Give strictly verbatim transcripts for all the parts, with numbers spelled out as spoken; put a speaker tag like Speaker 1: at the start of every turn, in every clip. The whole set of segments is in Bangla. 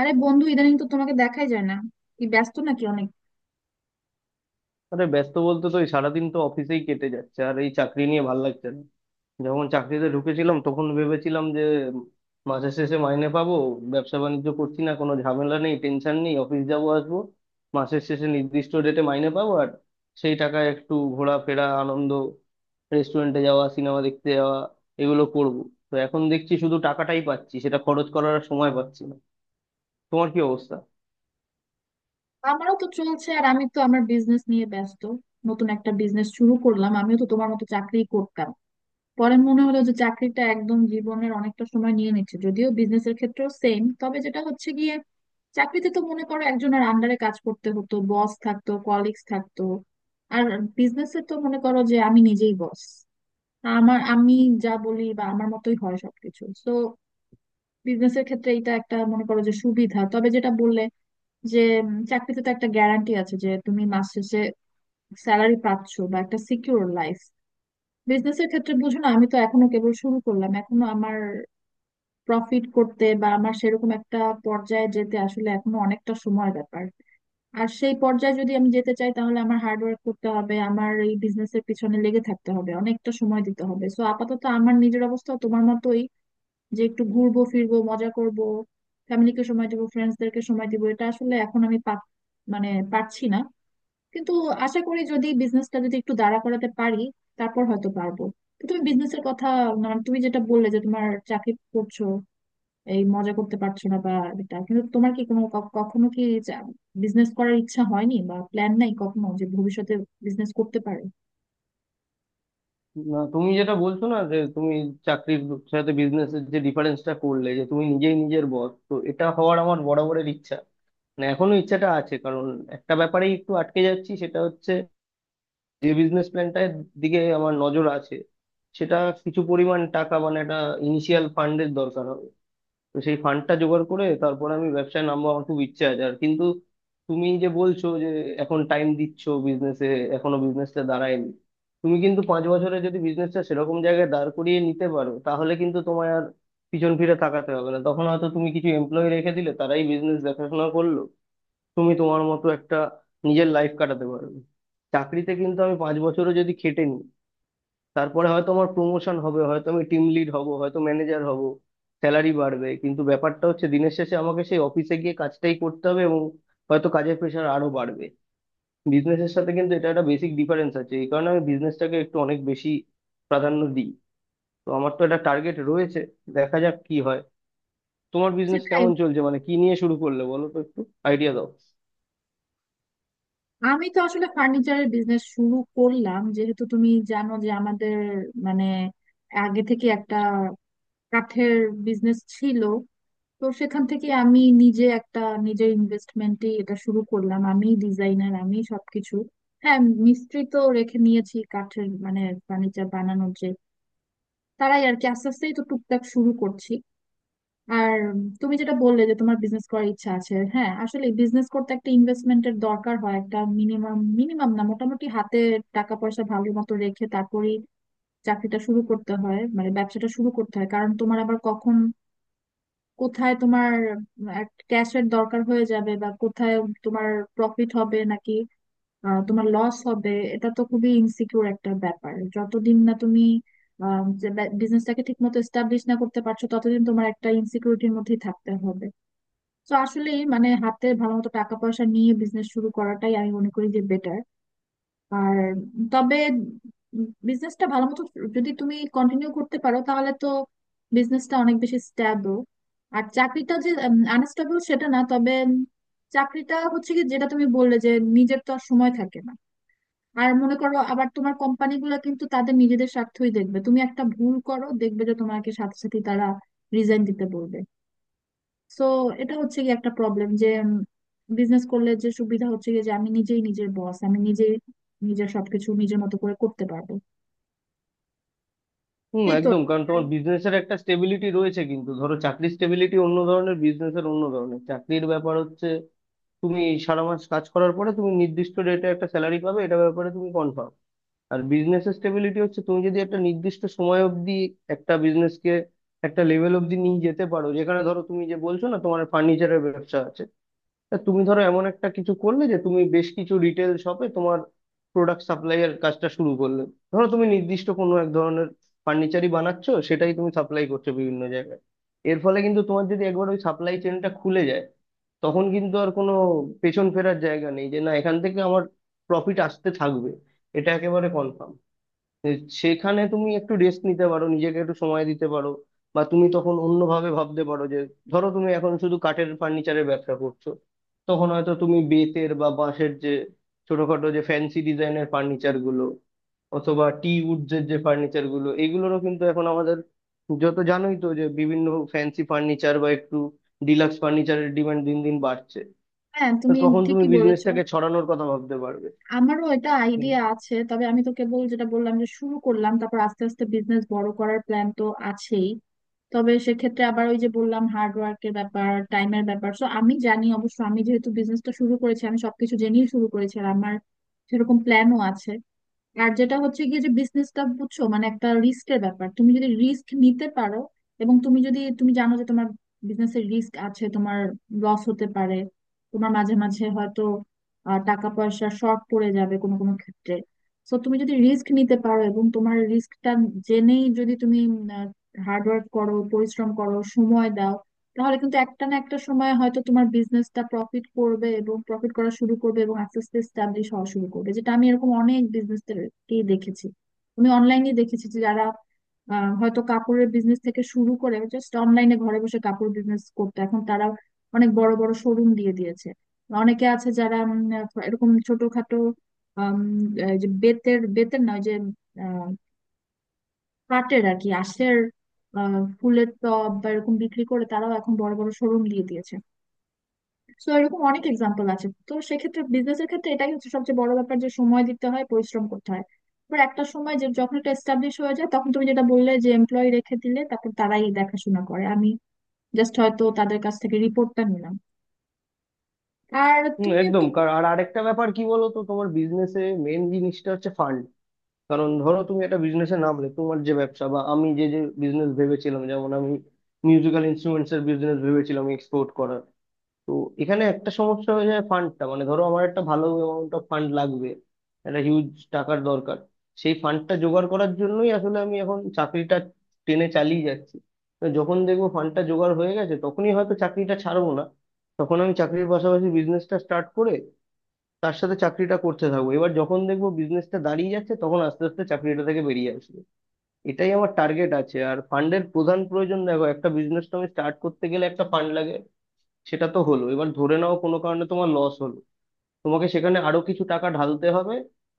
Speaker 1: আরে বন্ধু, ইদানিং তো তোমাকে দেখাই যায় না। কি ব্যস্ত নাকি অনেক?
Speaker 2: আরে, ব্যস্ত বলতে তো এই সারাদিন তো অফিসেই কেটে যাচ্ছে, আর এই চাকরি নিয়ে ভাল লাগছে না। যখন চাকরিতে ঢুকেছিলাম তখন ভেবেছিলাম যে মাসের শেষে মাইনে পাবো, ব্যবসা বাণিজ্য করছি না, কোনো ঝামেলা নেই, টেনশন নেই, অফিস যাবো আসবো, মাসের শেষে নির্দিষ্ট ডেটে মাইনে পাবো, আর সেই টাকায় একটু ঘোরাফেরা, আনন্দ, রেস্টুরেন্টে যাওয়া, সিনেমা দেখতে যাওয়া, এগুলো করব। তো এখন দেখছি শুধু টাকাটাই পাচ্ছি, সেটা খরচ করার আর সময় পাচ্ছি না। তোমার কি অবস্থা?
Speaker 1: আমারও তো চলছে, আর আমি তো আমার বিজনেস নিয়ে ব্যস্ত। নতুন একটা বিজনেস শুরু করলাম। আমিও তো তোমার মতো চাকরি করতাম, পরে মনে হলো যে চাকরিটা একদম জীবনের অনেকটা সময় নিয়ে নিচ্ছে, যদিও বিজনেসের ক্ষেত্রেও সেম। তবে যেটা হচ্ছে গিয়ে, চাকরিতে তো মনে করো একজনের আন্ডারে কাজ করতে হতো, বস থাকতো, কলিগস থাকতো। আর বিজনেসে তো মনে করো যে আমি নিজেই বস, আমার আমি যা বলি বা আমার মতোই হয় সবকিছু। তো বিজনেসের ক্ষেত্রে এটা একটা মনে করো যে সুবিধা। তবে যেটা বললে যে উম, চাকরিতে তো একটা গ্যারান্টি আছে যে তুমি মাস শেষে স্যালারি পাচ্ছ বা একটা সিকিউর লাইফ। বিজনেসের ক্ষেত্রে বুঝো না, আমি তো এখনো কেবল শুরু করলাম, এখনো আমার প্রফিট করতে বা আমার সেরকম একটা পর্যায়ে যেতে আসলে এখনো অনেকটা সময় ব্যাপার। আর সেই পর্যায়ে যদি আমি যেতে চাই তাহলে আমার হার্ড ওয়ার্ক করতে হবে, আমার এই বিজনেসের পিছনে লেগে থাকতে হবে, অনেকটা সময় দিতে হবে। সো আপাতত আমার নিজের অবস্থা তোমার মতোই, যে একটু ঘুরবো ফিরবো, মজা করব, ফ্যামিলিকে সময় দিব, ফ্রেন্ডসদেরকে সময় দিব, এটা আসলে এখন আমি পা- মানে পারছি না। কিন্তু আশা করি যদি বিজনেসটা যদি একটু দাঁড়া করাতে পারি তারপর হয়তো পারবো। তো তুমি বিজনেসের কথা, মানে তুমি যেটা বললে যে তোমার চাকরি করছো, এই মজা করতে পারছো না বা, এটা কিন্তু তোমার কি কোনো ক- কখনো কি বিজনেস করার ইচ্ছা হয়নি বা প্ল্যান নাই কখনো যে ভবিষ্যতে বিজনেস করতে পারে?
Speaker 2: না, তুমি যেটা বলছো না, যে তুমি চাকরির সাথে বিজনেসের যে ডিফারেন্সটা করলে যে তুমি নিজেই নিজের বস, তো এটা হওয়ার আমার বরাবরের ইচ্ছা। মানে এখনো ইচ্ছাটা আছে, কারণ একটা ব্যাপারেই একটু আটকে যাচ্ছি। সেটা হচ্ছে যে বিজনেস প্ল্যানটার দিকে আমার নজর আছে, সেটা কিছু পরিমাণ টাকা মানে একটা ইনিশিয়াল ফান্ডের দরকার হবে। তো সেই ফান্ডটা জোগাড় করে তারপর আমি ব্যবসায় নামবো, আমার খুব ইচ্ছে আছে। আর কিন্তু তুমি যে বলছো যে এখন টাইম দিচ্ছ বিজনেসে, এখনো বিজনেসটা দাঁড়ায়নি। তুমি কিন্তু পাঁচ বছরে যদি বিজনেসটা সেরকম জায়গায় দাঁড় করিয়ে নিতে পারো, তাহলে কিন্তু তোমায় আর পিছন ফিরে তাকাতে হবে না। তখন হয়তো তুমি কিছু এমপ্লয়ি রেখে দিলে, তারাই বিজনেস দেখাশোনা করলো, তুমি তোমার মতো একটা নিজের লাইফ কাটাতে পারবে। চাকরিতে কিন্তু আমি পাঁচ বছরও যদি খেটে নিই, তারপরে হয়তো আমার প্রমোশন হবে, হয়তো আমি টিম লিড হব, হয়তো ম্যানেজার হব, স্যালারি বাড়বে, কিন্তু ব্যাপারটা হচ্ছে দিনের শেষে আমাকে সেই অফিসে গিয়ে কাজটাই করতে হবে, এবং হয়তো কাজের প্রেশার আরো বাড়বে। বিজনেসের সাথে কিন্তু এটা একটা বেসিক ডিফারেন্স আছে, এই কারণে আমি বিজনেসটাকে একটু অনেক বেশি প্রাধান্য দিই। তো আমার তো একটা টার্গেট রয়েছে, দেখা যাক কি হয়। তোমার বিজনেস কেমন চলছে, মানে কি নিয়ে শুরু করলে বলো তো একটু, আইডিয়া দাও।
Speaker 1: আমি তো আসলে ফার্নিচারের বিজনেস শুরু করলাম, যেহেতু তুমি জানো যে আমাদের মানে আগে থেকে একটা কাঠের বিজনেস ছিল। তো সেখান থেকে আমি নিজে একটা, নিজের ইনভেস্টমেন্টে এটা শুরু করলাম। আমি ডিজাইনার, আমি সবকিছু। হ্যাঁ, মিস্ত্রি তো রেখে নিয়েছি, কাঠের মানে ফার্নিচার বানানোর যে, তারাই আর কি। আস্তে আস্তেই তো টুকটাক শুরু করছি। আর তুমি যেটা বললে যে তোমার বিজনেস করার ইচ্ছা আছে, হ্যাঁ, আসলে বিজনেস করতে একটা ইনভেস্টমেন্টের দরকার হয়, একটা মিনিমাম, মিনিমাম না মোটামুটি হাতে টাকা পয়সা ভালো মতো রেখে তারপরেই চাকরিটা শুরু করতে হয়, মানে ব্যবসাটা শুরু করতে হয়। কারণ তোমার আবার কখন কোথায় তোমার ক্যাশের দরকার হয়ে যাবে, বা কোথায় তোমার প্রফিট হবে নাকি আহ, তোমার লস হবে, এটা তো খুবই ইনসিকিউর একটা ব্যাপার। যতদিন না তুমি বিজনেসটাকে ঠিক মতো এস্টাবলিশ না করতে পারছো ততদিন তোমার একটা ইনসিকিউরিটির মধ্যেই থাকতে হবে। তো আসলে মানে হাতে ভালো মতো টাকা পয়সা নিয়ে বিজনেস শুরু করাটাই আমি মনে করি যে বেটার। আর তবে বিজনেসটা ভালো মতো যদি তুমি কন্টিনিউ করতে পারো তাহলে তো বিজনেসটা অনেক বেশি স্ট্যাবল। আর চাকরিটা যে আনস্টেবল সেটা না, তবে উম, চাকরিটা হচ্ছে কি, যেটা তুমি বললে যে নিজের তো আর সময় থাকে না। আর মনে করো আবার তোমার কোম্পানিগুলো কিন্তু তাদের নিজেদের স্বার্থই দেখবে। তুমি একটা ভুল করো, দেখবে যে তোমাকে সাথে সাথে তারা রিজাইন দিতে বলবে। সো এটা হচ্ছে কি একটা প্রবলেম। যে বিজনেস করলে যে সুবিধা হচ্ছে কি, যে আমি নিজেই নিজের বস, আমি নিজেই নিজের সবকিছু নিজের মতো করে করতে পারবো।
Speaker 2: হুম,
Speaker 1: এই তো আর-
Speaker 2: একদম।
Speaker 1: কি।
Speaker 2: কারণ
Speaker 1: আর
Speaker 2: তোমার বিজনেসের একটা স্টেবিলিটি রয়েছে, কিন্তু ধরো চাকরির স্টেবিলিটি অন্য ধরনের, বিজনেসের অন্য ধরনের। চাকরির ব্যাপার হচ্ছে তুমি সারা মাস কাজ করার পরে তুমি নির্দিষ্ট রেটে একটা স্যালারি পাবে, এটা ব্যাপারে তুমি কনফার্ম। আর বিজনেস স্টেবিলিটি হচ্ছে তুমি যদি একটা নির্দিষ্ট সময় অবধি একটা বিজনেসকে একটা লেভেল অবধি নিয়ে যেতে পারো, যেখানে ধরো তুমি যে বলছো না, তোমার ফার্নিচারের ব্যবসা আছে, তা তুমি ধরো এমন একটা কিছু করলে যে তুমি বেশ কিছু রিটেল শপে তোমার প্রোডাক্ট সাপ্লাইয়ের কাজটা শুরু করলে। ধরো তুমি নির্দিষ্ট কোনো এক ধরনের ফার্নিচারই বানাচ্ছো, সেটাই তুমি সাপ্লাই করছো বিভিন্ন জায়গায়। এর ফলে কিন্তু তোমার যদি একবার ওই সাপ্লাই চেনটা খুলে যায়, তখন কিন্তু আর কোনো পেছন ফেরার জায়গা নেই, যে না এখান থেকে আমার প্রফিট আসতে থাকবে, এটা একেবারে কনফার্ম। এ, সেখানে তুমি একটু রেস্ট নিতে পারো, নিজেকে একটু সময় দিতে পারো। বা তুমি তখন অন্যভাবে ভাবতে পারো যে ধরো তুমি এখন শুধু কাঠের ফার্নিচারের ব্যবসা করছো, তখন হয়তো তুমি বেতের বা বাঁশের যে ছোটখাটো যে ফ্যান্সি ডিজাইনের ফার্নিচার গুলো, অথবা টি উডস এর যে ফার্নিচার গুলো, এগুলোরও কিন্তু এখন আমাদের, যত জানোই তো যে বিভিন্ন ফ্যান্সি ফার্নিচার বা একটু ডিলাক্স ফার্নিচারের ডিমান্ড দিন দিন বাড়ছে।
Speaker 1: হ্যাঁ,
Speaker 2: তো
Speaker 1: তুমি
Speaker 2: তখন তুমি
Speaker 1: ঠিকই বলেছো।
Speaker 2: বিজনেসটাকে ছড়ানোর কথা ভাবতে পারবে।
Speaker 1: আমারও এটা আইডিয়া আছে, তবে আমি তো কেবল যেটা বললাম যে শুরু করলাম, তারপর আস্তে আস্তে বিজনেস বড় করার প্ল্যান তো আছেই। তবে সেক্ষেত্রে আবার ওই যে বললাম, হার্ড ওয়ার্কের ব্যাপার, টাইমের ব্যাপার। তো আমি জানি অবশ্য, আমি যেহেতু বিজনেসটা শুরু করেছি, আমি সবকিছু জেনেই শুরু করেছি, আর আমার সেরকম প্ল্যানও আছে। আর যেটা হচ্ছে গিয়ে, যে বিজনেসটা বুঝছো মানে একটা রিস্কের ব্যাপার। তুমি যদি রিস্ক নিতে পারো, এবং তুমি যদি তুমি জানো যে তোমার বিজনেসের রিস্ক আছে, তোমার লস হতে পারে, তোমার মাঝে মাঝে হয়তো আহ, টাকা পয়সা শর্ট পড়ে যাবে কোনো কোনো ক্ষেত্রে, তো তুমি যদি রিস্ক নিতে পারো এবং তোমার রিস্কটা জেনেই যদি তুমি হার্ড ওয়ার্ক করো, পরিশ্রম করো, সময় দাও, তাহলে কিন্তু একটা না একটা সময় হয়তো তোমার বিজনেসটা প্রফিট করবে এবং প্রফিট করা শুরু করবে এবং আস্তে আস্তে স্টাবলিশ হওয়া শুরু করবে। যেটা আমি এরকম অনেক বিজনেসকে দেখেছি, আমি অনলাইনে দেখেছি, যে যারা আহ, হয়তো কাপড়ের বিজনেস থেকে শুরু করে, জাস্ট অনলাইনে ঘরে বসে কাপড় বিজনেস করতে, এখন তারা অনেক বড় বড় শোরুম দিয়ে দিয়েছে। অনেকে আছে যারা উম, এরকম ছোটখাটো আম, এই যে বেতের বেতের নয়, যে কাটের আর কি, আঁশের আহ, ফুলের টব বা এরকম বিক্রি করে, তারাও এখন বড় বড় শোরুম দিয়ে দিয়েছে। তো এরকম অনেক এক্সাম্পল আছে। তো সেক্ষেত্রে বিজনেসের ক্ষেত্রে এটাই হচ্ছে সবচেয়ে বড় ব্যাপার, যে সময় দিতে হয়, পরিশ্রম করতে হয়। এবার একটা সময় যে যখন এটা এস্টাবলিশ হয়ে যায়, তখন তুমি যেটা বললে যে এমপ্লয়ি রেখে দিলে তারপর তারাই দেখাশোনা করে, আমি জাস্ট হয়তো তাদের কাছ থেকে রিপোর্টটা নিলাম। আর
Speaker 2: হুম,
Speaker 1: তুমি
Speaker 2: একদম
Speaker 1: তো,
Speaker 2: কার-, আর আরেকটা ব্যাপার কি বলো তো, তোমার বিজনেসে মেন জিনিসটা হচ্ছে ফান্ড। কারণ ধরো তুমি একটা বিজনেসে নামলে তোমার যে ব্যবসা, বা আমি যে যে বিজনেস ভেবেছিলাম, যেমন আমি মিউজিক্যাল ইনস্ট্রুমেন্টস এর বিজনেস ভেবেছিলাম এক্সপোর্ট করার, তো এখানে একটা সমস্যা হয়ে যায় ফান্ডটা। মানে ধরো আমার একটা ভালো অ্যামাউন্ট অফ ফান্ড লাগবে, একটা হিউজ টাকার দরকার। সেই ফান্ডটা জোগাড় করার জন্যই আসলে আমি এখন চাকরিটা টেনে চালিয়ে যাচ্ছি। তো যখন দেখবো ফান্ডটা জোগাড় হয়ে গেছে, তখনই হয়তো চাকরিটা ছাড়বো না, তখন আমি চাকরির পাশাপাশি বিজনেসটা স্টার্ট করে তার সাথে চাকরিটা করতে থাকবো। এবার যখন দেখবো বিজনেসটা দাঁড়িয়ে যাচ্ছে, তখন আস্তে আস্তে চাকরিটা থেকে বেরিয়ে আসবো। এটাই আমার টার্গেট আছে। আর ফান্ডের প্রধান প্রয়োজন দেখো, একটা বিজনেস তো আমি স্টার্ট করতে গেলে একটা ফান্ড লাগে, সেটা তো হলো। এবার ধরে নাও কোনো কারণে তোমার লস হলো, তোমাকে সেখানে আরো কিছু টাকা ঢালতে হবে,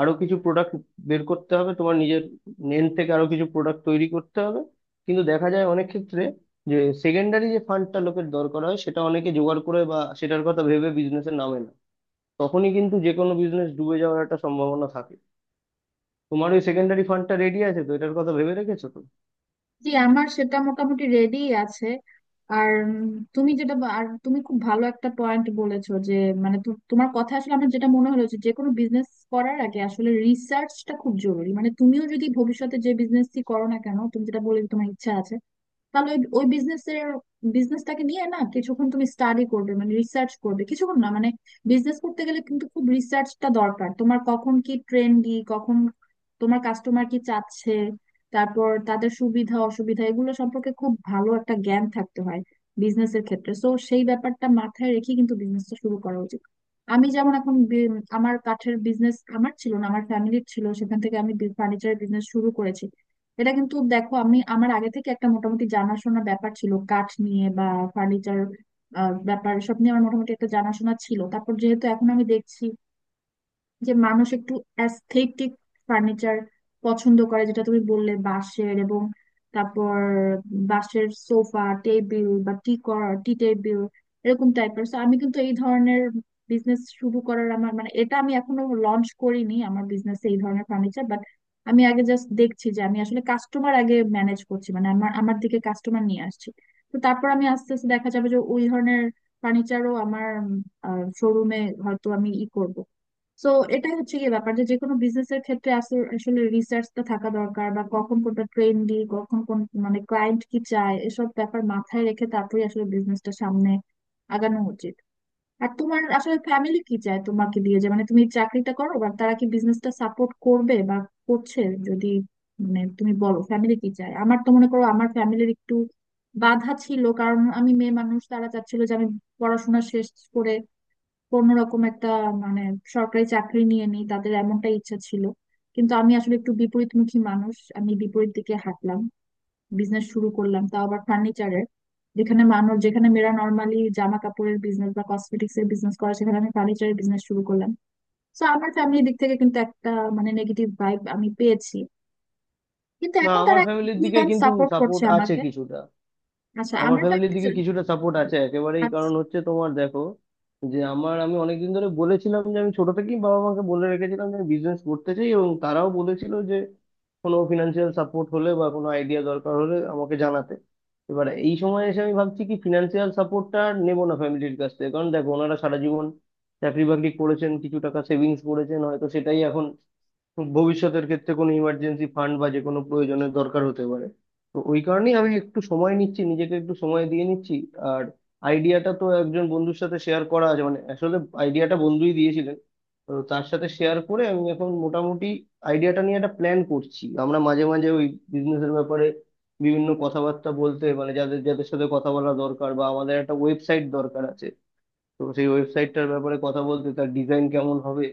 Speaker 2: আরো কিছু প্রোডাক্ট বের করতে হবে, তোমার নিজের এন্ড থেকে আরো কিছু প্রোডাক্ট তৈরি করতে হবে। কিন্তু দেখা যায় অনেক ক্ষেত্রে যে সেকেন্ডারি যে ফান্ডটা লোকের দরকার হয়, সেটা অনেকে জোগাড় করে বা সেটার কথা ভেবে বিজনেসে নামে না, তখনই কিন্তু যে কোনো বিজনেস ডুবে যাওয়ার একটা সম্ভাবনা থাকে। তোমার ওই সেকেন্ডারি ফান্ডটা রেডি আছে তো? এটার কথা ভেবে রেখেছো তো?
Speaker 1: জি আমার সেটা মোটামুটি রেডি আছে। আর উম, তুমি যেটা বা- আর তুমি খুব ভালো একটা পয়েন্ট বলেছো, যে মানে তো- তোমার কথা আসলে আমার যেটা মনে হলো, যে যে কোনো বিজনেস করার আগে আসলে রিসার্চটা খুব জরুরি। মানে তুমিও যদি ভবিষ্যতে যে বিজনেসই করো না কেন, তুমি যেটা বলে তোমার ইচ্ছা আছে, তাহলে ওই ওই বিজনেসের, বিজনেসটাকে নিয়ে না কিছুক্ষণ তুমি স্টাডি করবে, মানে রিসার্চ করবে, কিছুক্ষণ না মানে, বিজনেস করতে গেলে কিন্তু খুব রিসার্চটা দরকার, তোমার কখন কি ট্রেন্ডি, কখন তোমার কাস্টমার কি চাচ্ছে, তারপর তাদের সুবিধা অসুবিধা, এগুলো সম্পর্কে খুব ভালো একটা জ্ঞান থাকতে হয় বিজনেসের ক্ষেত্রে। সো সেই ব্যাপারটা মাথায় রেখে কিন্তু বিজনেসটা শুরু করা উচিত। আমি যেমন এখন বি- আমার কাঠের বিজনেস আমার ছিল না, আমার ফ্যামিলির ছিল, সেখান থেকে আমি ফার্নিচারের বিজনেস শুরু করেছি। এটা কিন্তু দেখো, আমি আমার আগে থেকে একটা মোটামুটি জানাশোনা ব্যাপার ছিল, কাঠ নিয়ে বা ফার্নিচার ব্যাপার সব নিয়ে আমার মোটামুটি একটা জানাশোনা ছিল। তারপর যেহেতু এখন আমি দেখছি যে মানুষ একটু অ্যাস্থেটিক ফার্নিচার পছন্দ করে, যেটা তুমি বললে, বাঁশের এবং তারপর বাঁশের সোফা, টেবিল বা টি টি টেবিল এরকম টাইপের। সো আমি কিন্তু এই ধরনের বিজনেস শুরু করার আমার মানে, এটা আমি এখনো লঞ্চ করিনি আমার বিজনেসে, এই ধরনের ফার্নিচার, বাট আমি আগে জাস্ট দেখছি যে আমি আসলে কাস্টমার আগে ম্যানেজ করছি, মানে আমার আমার দিকে কাস্টমার নিয়ে আসছি। তো তারপর আমি আস্তে আস্তে দেখা যাবে যে ওই ধরনের ফার্নিচারও আমার শোরুমে হয়তো আমি ই করব। তো এটাই হচ্ছে কি ব্যাপার, যে কোনো বিজনেস এর ক্ষেত্রে আসলে আসলে রিসার্চটা থাকা দরকার, বা কখন কোনটা ট্রেন্ডি, কখন কোন মানে ক্লায়েন্ট কি চায়, এসব ব্যাপার মাথায় রেখে তারপরে আসলে বিজনেসটা সামনে আগানো উচিত। আর তোমার আসলে ফ্যামিলি কি চায় তোমাকে দিয়ে, যে মানে তুমি চাকরিটা করো, বা তারা কি বিজনেসটা সাপোর্ট করবে বা করছে? যদি মানে তুমি বলো ফ্যামিলি কি চায়, আমার তো মনে করো আমার ফ্যামিলির একটু বাধা ছিল, কারণ আমি মেয়ে মানুষ। তারা চাচ্ছিল যে আমি পড়াশোনা শেষ করে কোনো রকম একটা মানে সরকারি চাকরি নিয়ে নিই, তাদের এমনটা ইচ্ছা ছিল। কিন্তু আমি আসলে একটু বিপরীতমুখী মানুষ, আমি বিপরীত দিকে হাঁটলাম, বিজনেস শুরু করলাম, তাও আবার ফার্নিচারের। যেখানে মানুষ, যেখানে মেয়েরা নর্মালি জামা কাপড়ের বিজনেস বা কসমেটিক্স এর বিজনেস করে, সেখানে আমি ফার্নিচারের বিজনেস শুরু করলাম। তো আমার ফ্যামিলির দিক থেকে কিন্তু একটা মানে নেগেটিভ ভাইব আমি পেয়েছি। কিন্তু
Speaker 2: না,
Speaker 1: এখন
Speaker 2: আমার
Speaker 1: তারা
Speaker 2: ফ্যামিলির দিকে
Speaker 1: ফ্রিল্যান্স
Speaker 2: কিন্তু
Speaker 1: সাপোর্ট করছে
Speaker 2: সাপোর্ট আছে
Speaker 1: আমাকে।
Speaker 2: কিছুটা।
Speaker 1: আচ্ছা,
Speaker 2: আমার
Speaker 1: আমার
Speaker 2: ফ্যামিলির
Speaker 1: ফ্যামিলি,
Speaker 2: দিকে কিছুটা সাপোর্ট আছে একেবারেই। কারণ হচ্ছে তোমার দেখো যে আমার আমি অনেকদিন ধরে বলেছিলাম, যে আমি ছোট থেকেই বাবা মাকে বলে রেখেছিলাম যে আমি বিজনেস করতে চাই, এবং তারাও বলেছিল যে কোনো ফিনান্সিয়াল সাপোর্ট হলে বা কোনো আইডিয়া দরকার হলে আমাকে জানাতে। এবার এই সময় এসে আমি ভাবছি কি ফিনান্সিয়াল সাপোর্টটা আর নেবো না ফ্যামিলির কাছ থেকে, কারণ দেখো ওনারা সারা জীবন চাকরি বাকরি করেছেন, কিছু টাকা সেভিংস করেছেন, হয়তো সেটাই এখন ভবিষ্যতের ক্ষেত্রে কোনো ইমার্জেন্সি ফান্ড বা যে কোনো প্রয়োজনের দরকার হতে পারে। তো ওই কারণেই আমি একটু সময় নিচ্ছি, নিজেকে একটু সময় দিয়ে নিচ্ছি। আর আইডিয়াটা তো একজন বন্ধুর সাথে শেয়ার করা আছে, মানে আসলে আইডিয়াটা বন্ধুই দিয়েছিলেন। তো তার সাথে শেয়ার করে আমি এখন মোটামুটি আইডিয়াটা নিয়ে একটা প্ল্যান করছি। আমরা মাঝে মাঝে ওই বিজনেসের ব্যাপারে বিভিন্ন কথাবার্তা বলতে, মানে যাদের যাদের সাথে কথা বলা দরকার, বা আমাদের একটা ওয়েবসাইট দরকার আছে, তো সেই ওয়েবসাইটটার ব্যাপারে কথা বলতে, তার ডিজাইন কেমন হবে,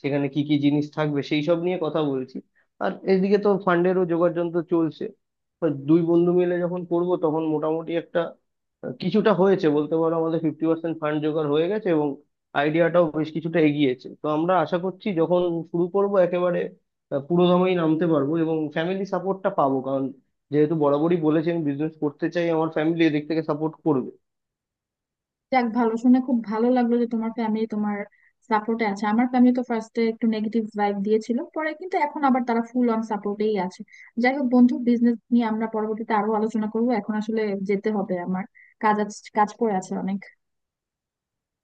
Speaker 2: সেখানে কি কি জিনিস থাকবে, সেই সব নিয়ে কথা বলছি। আর এদিকে তো ফান্ডেরও জোগাড় যন্ত্র চলছে। তো দুই বন্ধু মিলে যখন করব, তখন মোটামুটি একটা, আহ, কিছুটা হয়েছে বলতে পারো, আমাদের ফিফটি পার্সেন্ট ফান্ড জোগাড় হয়ে গেছে, এবং আইডিয়াটাও বেশ কিছুটা এগিয়েছে। তো আমরা আশা করছি যখন শুরু করব একেবারে আহ, পুরোদমেই নামতে পারবো, এবং ফ্যামিলি সাপোর্টটা পাবো, কারণ যেহেতু বরাবরই বলেছি আমি বিজনেস করতে চাই, আমার ফ্যামিলি এদিক থেকে সাপোর্ট
Speaker 1: যাক, ভালো শুনে খুব ভালো লাগলো যে তোমার ফ্যামিলি তোমার সাপোর্টে আছে। আমার ফ্যামিলি তো ফার্স্টে একটু নেগেটিভ ভাইব দিয়েছিল, পরে কিন্তু এখন আবার তারা ফুল অন সাপোর্টেই আছে। যাই হোক বন্ধু, বিজনেস নিয়ে আমরা পরবর্তীতে আরো আলোচনা করবো, এখন আসলে যেতে হবে আমার। কাজ আছে- কাজ পড়ে আছে অনেক।